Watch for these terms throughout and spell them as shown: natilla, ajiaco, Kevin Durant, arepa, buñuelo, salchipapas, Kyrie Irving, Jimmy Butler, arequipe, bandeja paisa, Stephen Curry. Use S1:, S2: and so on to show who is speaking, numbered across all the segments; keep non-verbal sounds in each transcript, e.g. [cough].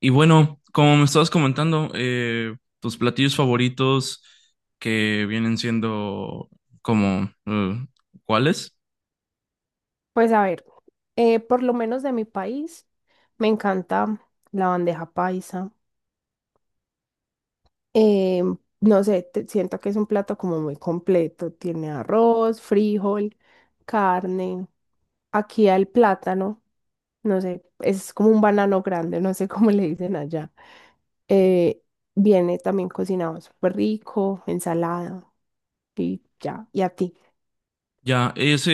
S1: Y bueno, como me estabas comentando, tus platillos favoritos que vienen siendo como, ¿cuáles?
S2: Pues a ver, por lo menos de mi país, me encanta la bandeja paisa. Eh, no sé, siento que es un plato como muy completo. Tiene arroz, frijol, carne. Aquí el plátano, no sé, es como un banano grande, no sé [laughs] cómo le dicen allá. Eh, Viene también cocinado súper rico, ensalada y ya. ¿Y a ti?
S1: Ya, ese,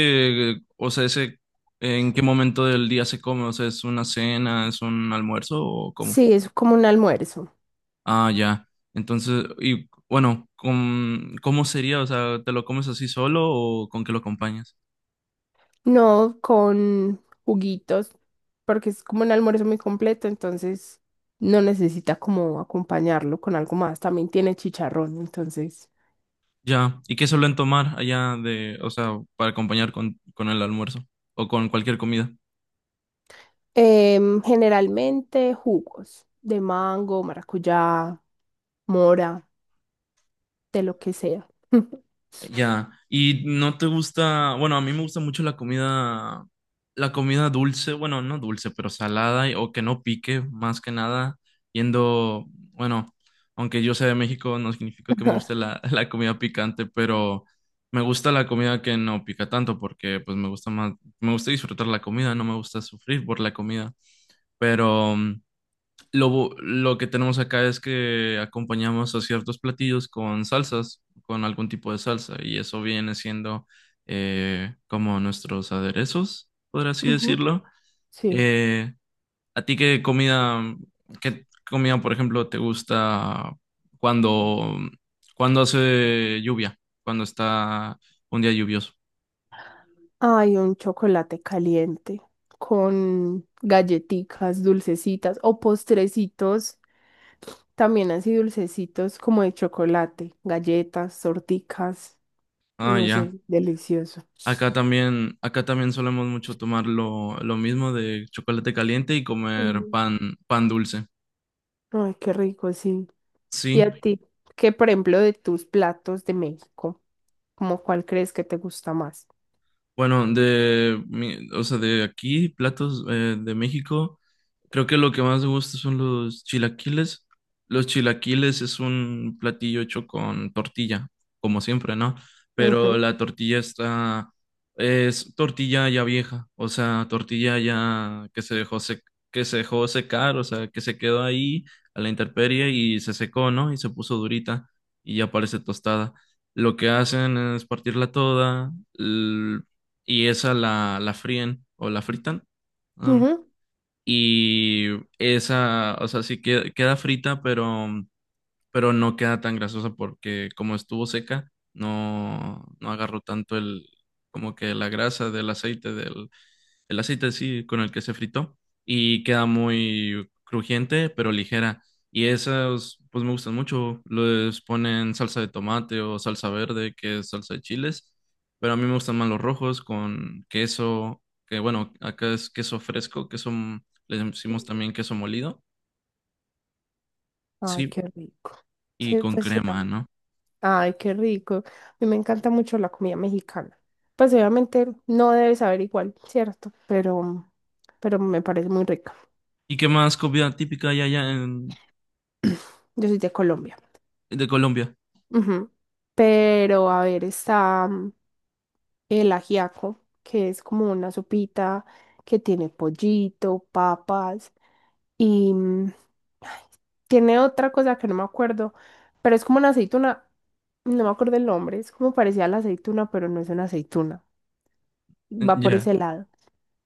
S1: eh, o sea, ese, ¿en qué momento del día se come? O sea, ¿es una cena, es un almuerzo o cómo?
S2: Sí, es como un almuerzo.
S1: Ah, ya. Entonces, y bueno, ¿cómo sería? O sea, ¿te lo comes así solo o con qué lo acompañas?
S2: No, con juguitos, porque es como un almuerzo muy completo, entonces no necesita como acompañarlo con algo más. También tiene chicharrón, entonces.
S1: Ya. ¿Y qué suelen tomar allá para acompañar con el almuerzo o con cualquier comida?
S2: Generalmente jugos de mango, maracuyá, mora, de lo que sea. [laughs]
S1: Ya, y no te gusta, bueno, a mí me gusta mucho la comida dulce, bueno, no dulce, pero salada y- o que no pique, más que nada, yendo, bueno, aunque yo sea de México, no significa que me guste la, [laughs] la comida picante, pero me gusta la comida que no pica tanto, porque pues me gusta más, me gusta disfrutar la comida, no me gusta sufrir por la comida, pero lo, lo que tenemos acá es que acompañamos a ciertos platillos con salsas, con algún tipo de salsa, y eso viene siendo como nuestros aderezos, por así
S2: Ujú,
S1: decirlo.
S2: sí.
S1: Eh, ¿A ti qué comida, por ejemplo, te gusta cuando, cuando hace lluvia, cuando está un día lluvioso?
S2: Ay, un chocolate caliente con galletitas, dulcecitas o postrecitos, también así dulcecitos como de chocolate, galletas, torticas,
S1: Ah,
S2: no
S1: ya.
S2: sé, delicioso.
S1: Acá también solemos mucho tomar lo mismo de chocolate caliente y comer
S2: Ujú.
S1: pan, pan dulce.
S2: Ay, qué rico, sí. ¿Y
S1: Sí,
S2: a ti? ¿Qué, por ejemplo, de tus platos de México? ¿Cómo cuál crees que te gusta más?
S1: bueno, de, mi- o sea, de aquí, platos de México, creo que lo que más me gusta son los chilaquiles. Los chilaquiles es un platillo hecho con tortilla, como siempre, ¿no? Pero
S2: Ujú,
S1: la tortilla está, es tortilla ya vieja, o sea, tortilla ya que se dejó secar, o sea, que se quedó ahí a la intemperie y se secó, ¿no? Y se puso durita y ya parece tostada. Lo que hacen es partirla toda y esa la fríen o la fritan. am,
S2: ujú.
S1: y esa, o sea, queda frita, pero no queda tan grasosa porque como estuvo seca, no, no agarró tanto el, como que la grasa el aceite sí, con el que se fritó, y queda muy crujiente, pero ligera. Y esas, pues me gustan mucho. Les ponen salsa de tomate o salsa verde, que es salsa de chiles, pero a mí me gustan más los rojos con queso, que bueno, acá es queso fresco, queso, le decimos también queso molido,
S2: Ay,
S1: sí,
S2: qué rico.
S1: y
S2: Sí,
S1: con
S2: pues será.
S1: crema, ¿no?
S2: Ay, qué rico. A mí me encanta mucho la comida mexicana. Pues obviamente no debe saber igual, ¿cierto? Pero me parece muy rica.
S1: ¿Y qué más comida típica hay allá en,
S2: Yo soy de Colombia.
S1: de Colombia?
S2: Ujú. Pero a ver, está el ajiaco, que es como una sopita que tiene pollito, papas y ay, tiene otra cosa que no me acuerdo, pero es como una aceituna. No me acuerdo el nombre, es como parecía a la aceituna, pero no es una aceituna. Va por
S1: Ya,
S2: ese lado.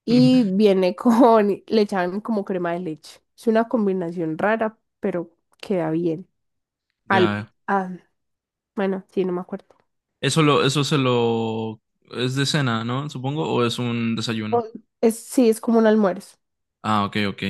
S2: Y
S1: [laughs]
S2: viene [laughs] con, le echan como crema de leche. Es una combinación rara, pero queda bien. Al,
S1: ya.
S2: ah, bueno, sí, no me acuerdo.
S1: Eso lo, eso se lo, Es de cena, ¿no? Supongo, o es un desayuno.
S2: O- Es, sí, es como un almuerzo.
S1: Ah, ok, ok.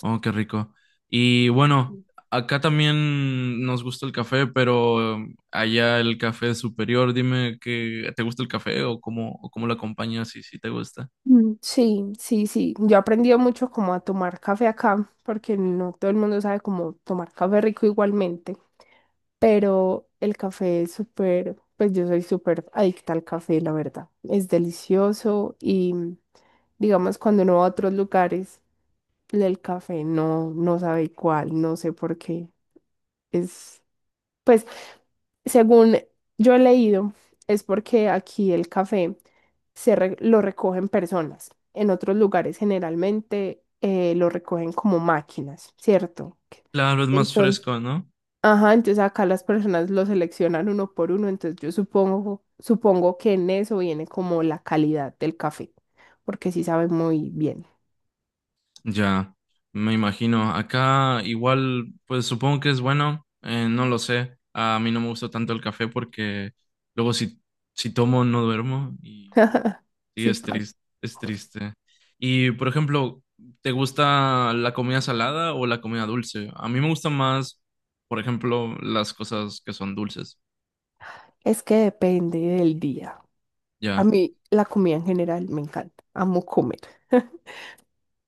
S1: Oh, qué rico. Y bueno, acá también nos gusta el café, pero allá el café es superior. Dime que, ¿te gusta el café o cómo lo acompañas y si te gusta?
S2: Mm, sí, sí, sí. Yo he aprendido mucho como a tomar café acá, porque no todo el mundo sabe cómo tomar café rico igualmente, pero el café es súper, pues yo soy súper adicta al café, la verdad. Es delicioso y digamos cuando uno va a otros lugares. El café, no, no sabe cuál, no sé por qué. Es, pues, según yo he leído, es porque aquí el café lo recogen personas. En otros lugares generalmente lo recogen como máquinas, ¿cierto?
S1: Claro, es más
S2: Entonces,
S1: fresco, ¿no?
S2: ajá, entonces acá las personas lo seleccionan uno por uno, entonces yo supongo, supongo que en eso viene como la calidad del café, porque sí sabe muy bien.
S1: Ya, me imagino. Acá igual, pues supongo que es bueno, no lo sé. A mí no me gusta tanto el café porque luego si, si tomo no duermo y sí
S2: Sí,
S1: es triste, es triste. Y por ejemplo, ¿te gusta la comida salada o la comida dulce? A mí me gusta más, por ejemplo, las cosas que son dulces.
S2: es que depende del día. A
S1: Ya,
S2: mí la comida en general me encanta, amo comer.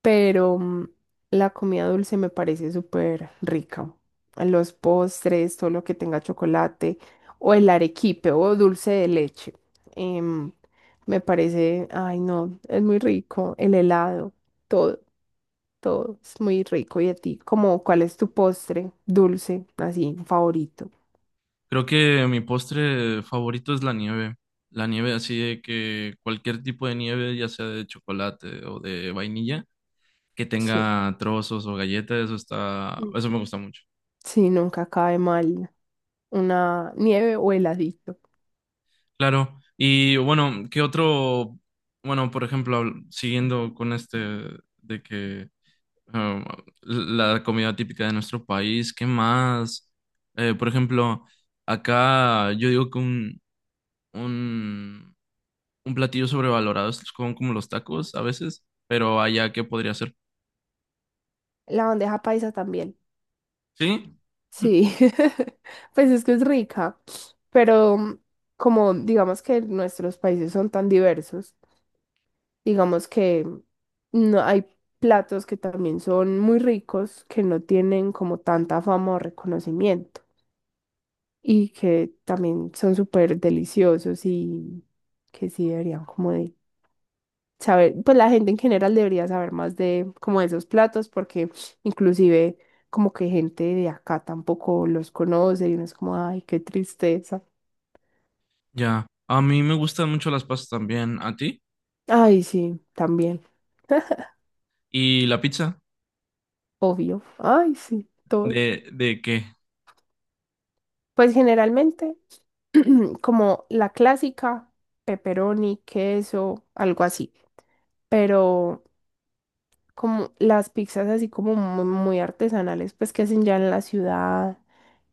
S2: Pero la comida dulce me parece súper rica. Los postres, todo lo que tenga chocolate, o el arequipe o dulce de leche. em, Me parece, ay no, es muy rico. El helado, todo, todo es muy rico. ¿Y a ti? Como, ¿cuál es tu postre dulce, así, favorito?
S1: creo que mi postre favorito es la nieve. La nieve así de que cualquier tipo de nieve, ya sea de chocolate o de vainilla, que
S2: Sí,
S1: tenga trozos o galletas, eso está,
S2: mm.
S1: eso me gusta mucho.
S2: Sí, nunca cae mal una nieve o heladito.
S1: Claro, y bueno, ¿qué otro? Bueno, por ejemplo, siguiendo con este de que um, la comida típica de nuestro país, ¿qué más? Por ejemplo, acá yo digo que un, un platillo sobrevalorado es como, como los tacos a veces, pero allá, ¿qué podría ser?
S2: La bandeja paisa también.
S1: Sí,
S2: Sí, [laughs] pues es que es rica, pero como digamos que nuestros países son tan diversos, digamos que no hay platos que también son muy ricos que no tienen como tanta fama o reconocimiento y que también son súper deliciosos y que sí deberían como de saber, pues la gente en general debería saber más de como de esos platos porque inclusive como que gente de acá tampoco los conoce y uno es como, ay, qué tristeza.
S1: ya. A mí me gustan mucho las pastas también, ¿a ti?
S2: Ay, sí, también, [laughs]
S1: ¿Y la pizza?
S2: obvio. Ay, sí, todo.
S1: De qué?
S2: Pues generalmente [clears throat] como la clásica, pepperoni, queso, algo así, pero como las pizzas así como muy artesanales, pues que hacen ya en la ciudad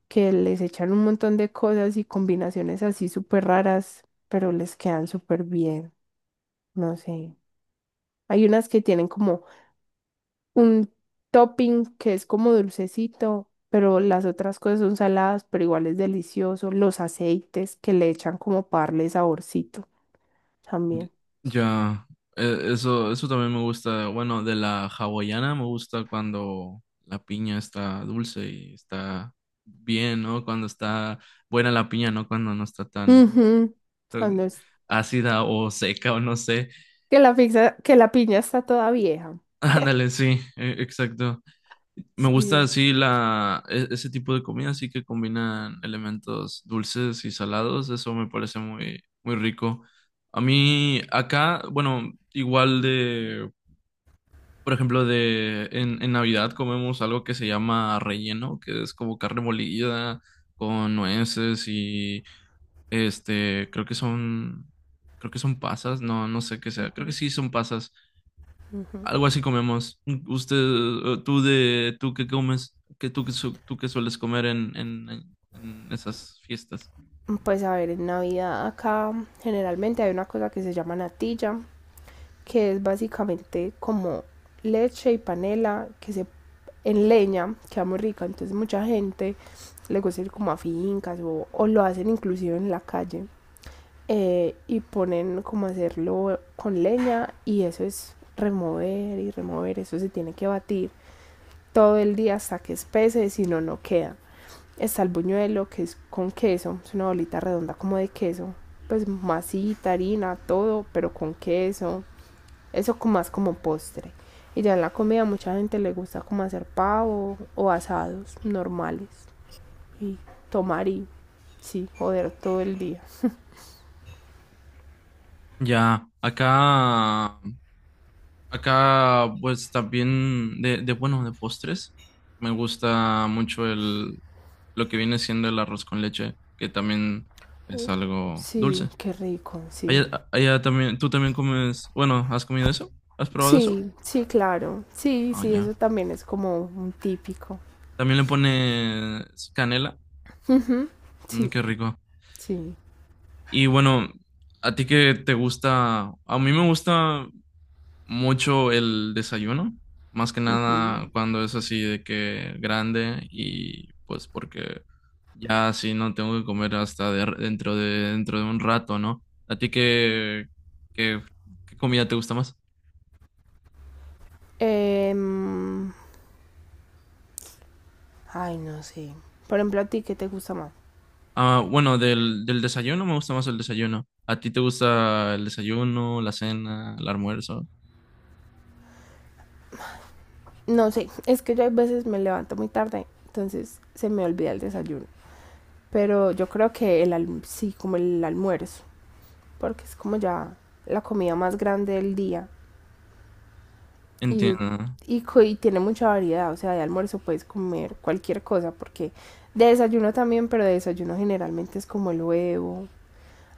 S2: que les echan un montón de cosas y combinaciones así súper raras, pero les quedan súper bien, no sé. Hay unas que tienen como un topping que es como dulcecito, pero las otras cosas son saladas, pero igual es delicioso. Los aceites que le echan como para darle saborcito
S1: Y-
S2: también.
S1: ya, eso, eso también me gusta. Bueno, de la hawaiana me gusta cuando la piña está dulce y está bien, ¿no? Cuando está buena la piña, ¿no? Cuando no está tan
S2: Ujú,
S1: eh,
S2: cuando es
S1: ácida o seca o no sé. [laughs]
S2: que la piña está toda vieja.
S1: Ándale, sí, exacto. Me gusta
S2: Sí.
S1: así ese tipo de comida, así que combinan elementos dulces y salados. Eso me parece muy, muy rico. A mí acá, bueno, igual de por ejemplo, en Navidad comemos algo que se llama relleno, que es como carne molida con nueces y este, creo que son pasas, no, no sé qué sea, creo que
S2: Ujú,
S1: sí son pasas,
S2: ujú.
S1: algo así comemos. Usted, tú qué comes, que tú, qué su- tú qué sueles comer en esas fiestas.
S2: Pues a ver, en Navidad acá generalmente hay una cosa que se llama natilla, que es básicamente como leche y panela que se en leña, queda muy rica, entonces mucha gente le gusta ir como a fincas o lo hacen inclusive en la calle y ponen como hacerlo con leña y eso es remover y remover, eso se tiene que batir todo el día hasta que espese, si no, no queda. Está el buñuelo que es con queso, es una bolita redonda como de queso, pues masita, harina, todo, pero con queso. Eso como más como postre. Y ya en la comida mucha gente le gusta como hacer pavo o asados normales. Y tomar y sí, joder todo el día.
S1: Ya, acá, pues también de bueno, de postres. Me gusta mucho el lo que viene siendo el arroz con leche, que también es algo
S2: Sí,
S1: dulce.
S2: qué rico, sí.
S1: Allá, allá también, tú también comes, bueno, ¿has comido eso? ¿Has probado eso?
S2: Sí, sí, claro. Sí,
S1: Ah,
S2: sí,
S1: ya.
S2: eso también es como un típico.
S1: También le pones canela. Mm,
S2: Sí,
S1: qué rico.
S2: sí.
S1: Y bueno, a ti que te gusta, a mí me gusta mucho el desayuno, más que
S2: Ujú.
S1: nada cuando es así de que grande y pues porque ya así no tengo que comer hasta dentro de un rato, ¿no? ¿A ti qué, qué comida te gusta más?
S2: Em, Ay, no sé. Por ejemplo, a ti, ¿qué te gusta más?
S1: Ah, bueno, del desayuno me gusta más el desayuno. ¿A ti te gusta el desayuno, la cena, el almuerzo?
S2: No sé, es que yo a veces me levanto muy tarde, entonces se me olvida el desayuno. Pero yo creo que sí, como el almuerzo, porque es como ya la comida más grande del día y,
S1: Entiendo.
S2: y tiene mucha variedad, o sea, de almuerzo puedes comer cualquier cosa, porque de desayuno también, pero de desayuno generalmente es como el huevo.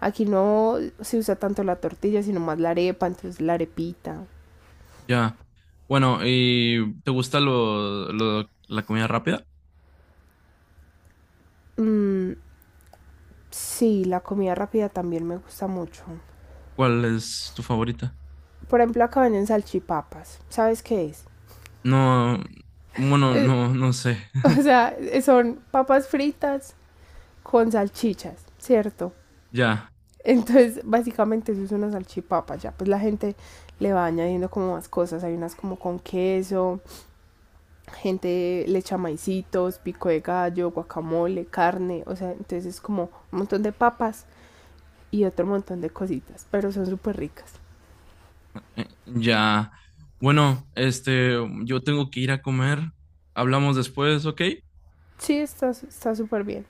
S2: Aquí no se usa tanto la tortilla, sino más la arepa, entonces la arepita.
S1: Ya. Bueno, ¿y te gusta la comida rápida?
S2: Mm, sí, la comida rápida también me gusta mucho.
S1: ¿Cuál es tu favorita?
S2: Por ejemplo, acá venden salchipapas. ¿Sabes qué es?
S1: No, bueno,
S2: Es-
S1: no, no sé.
S2: o
S1: [laughs]
S2: sea, son papas fritas con salchichas, ¿cierto?
S1: Ya,
S2: Entonces, básicamente eso es una salchipapa, ya pues la gente le va añadiendo como más cosas, hay unas como con queso, gente le echa maicitos, pico de gallo, guacamole, carne, o sea, entonces es como un montón de papas y otro montón de cositas, pero son súper ricas.
S1: ya. Bueno, este, yo tengo que ir a comer. Hablamos después, ¿ok?
S2: Sí, está súper bien.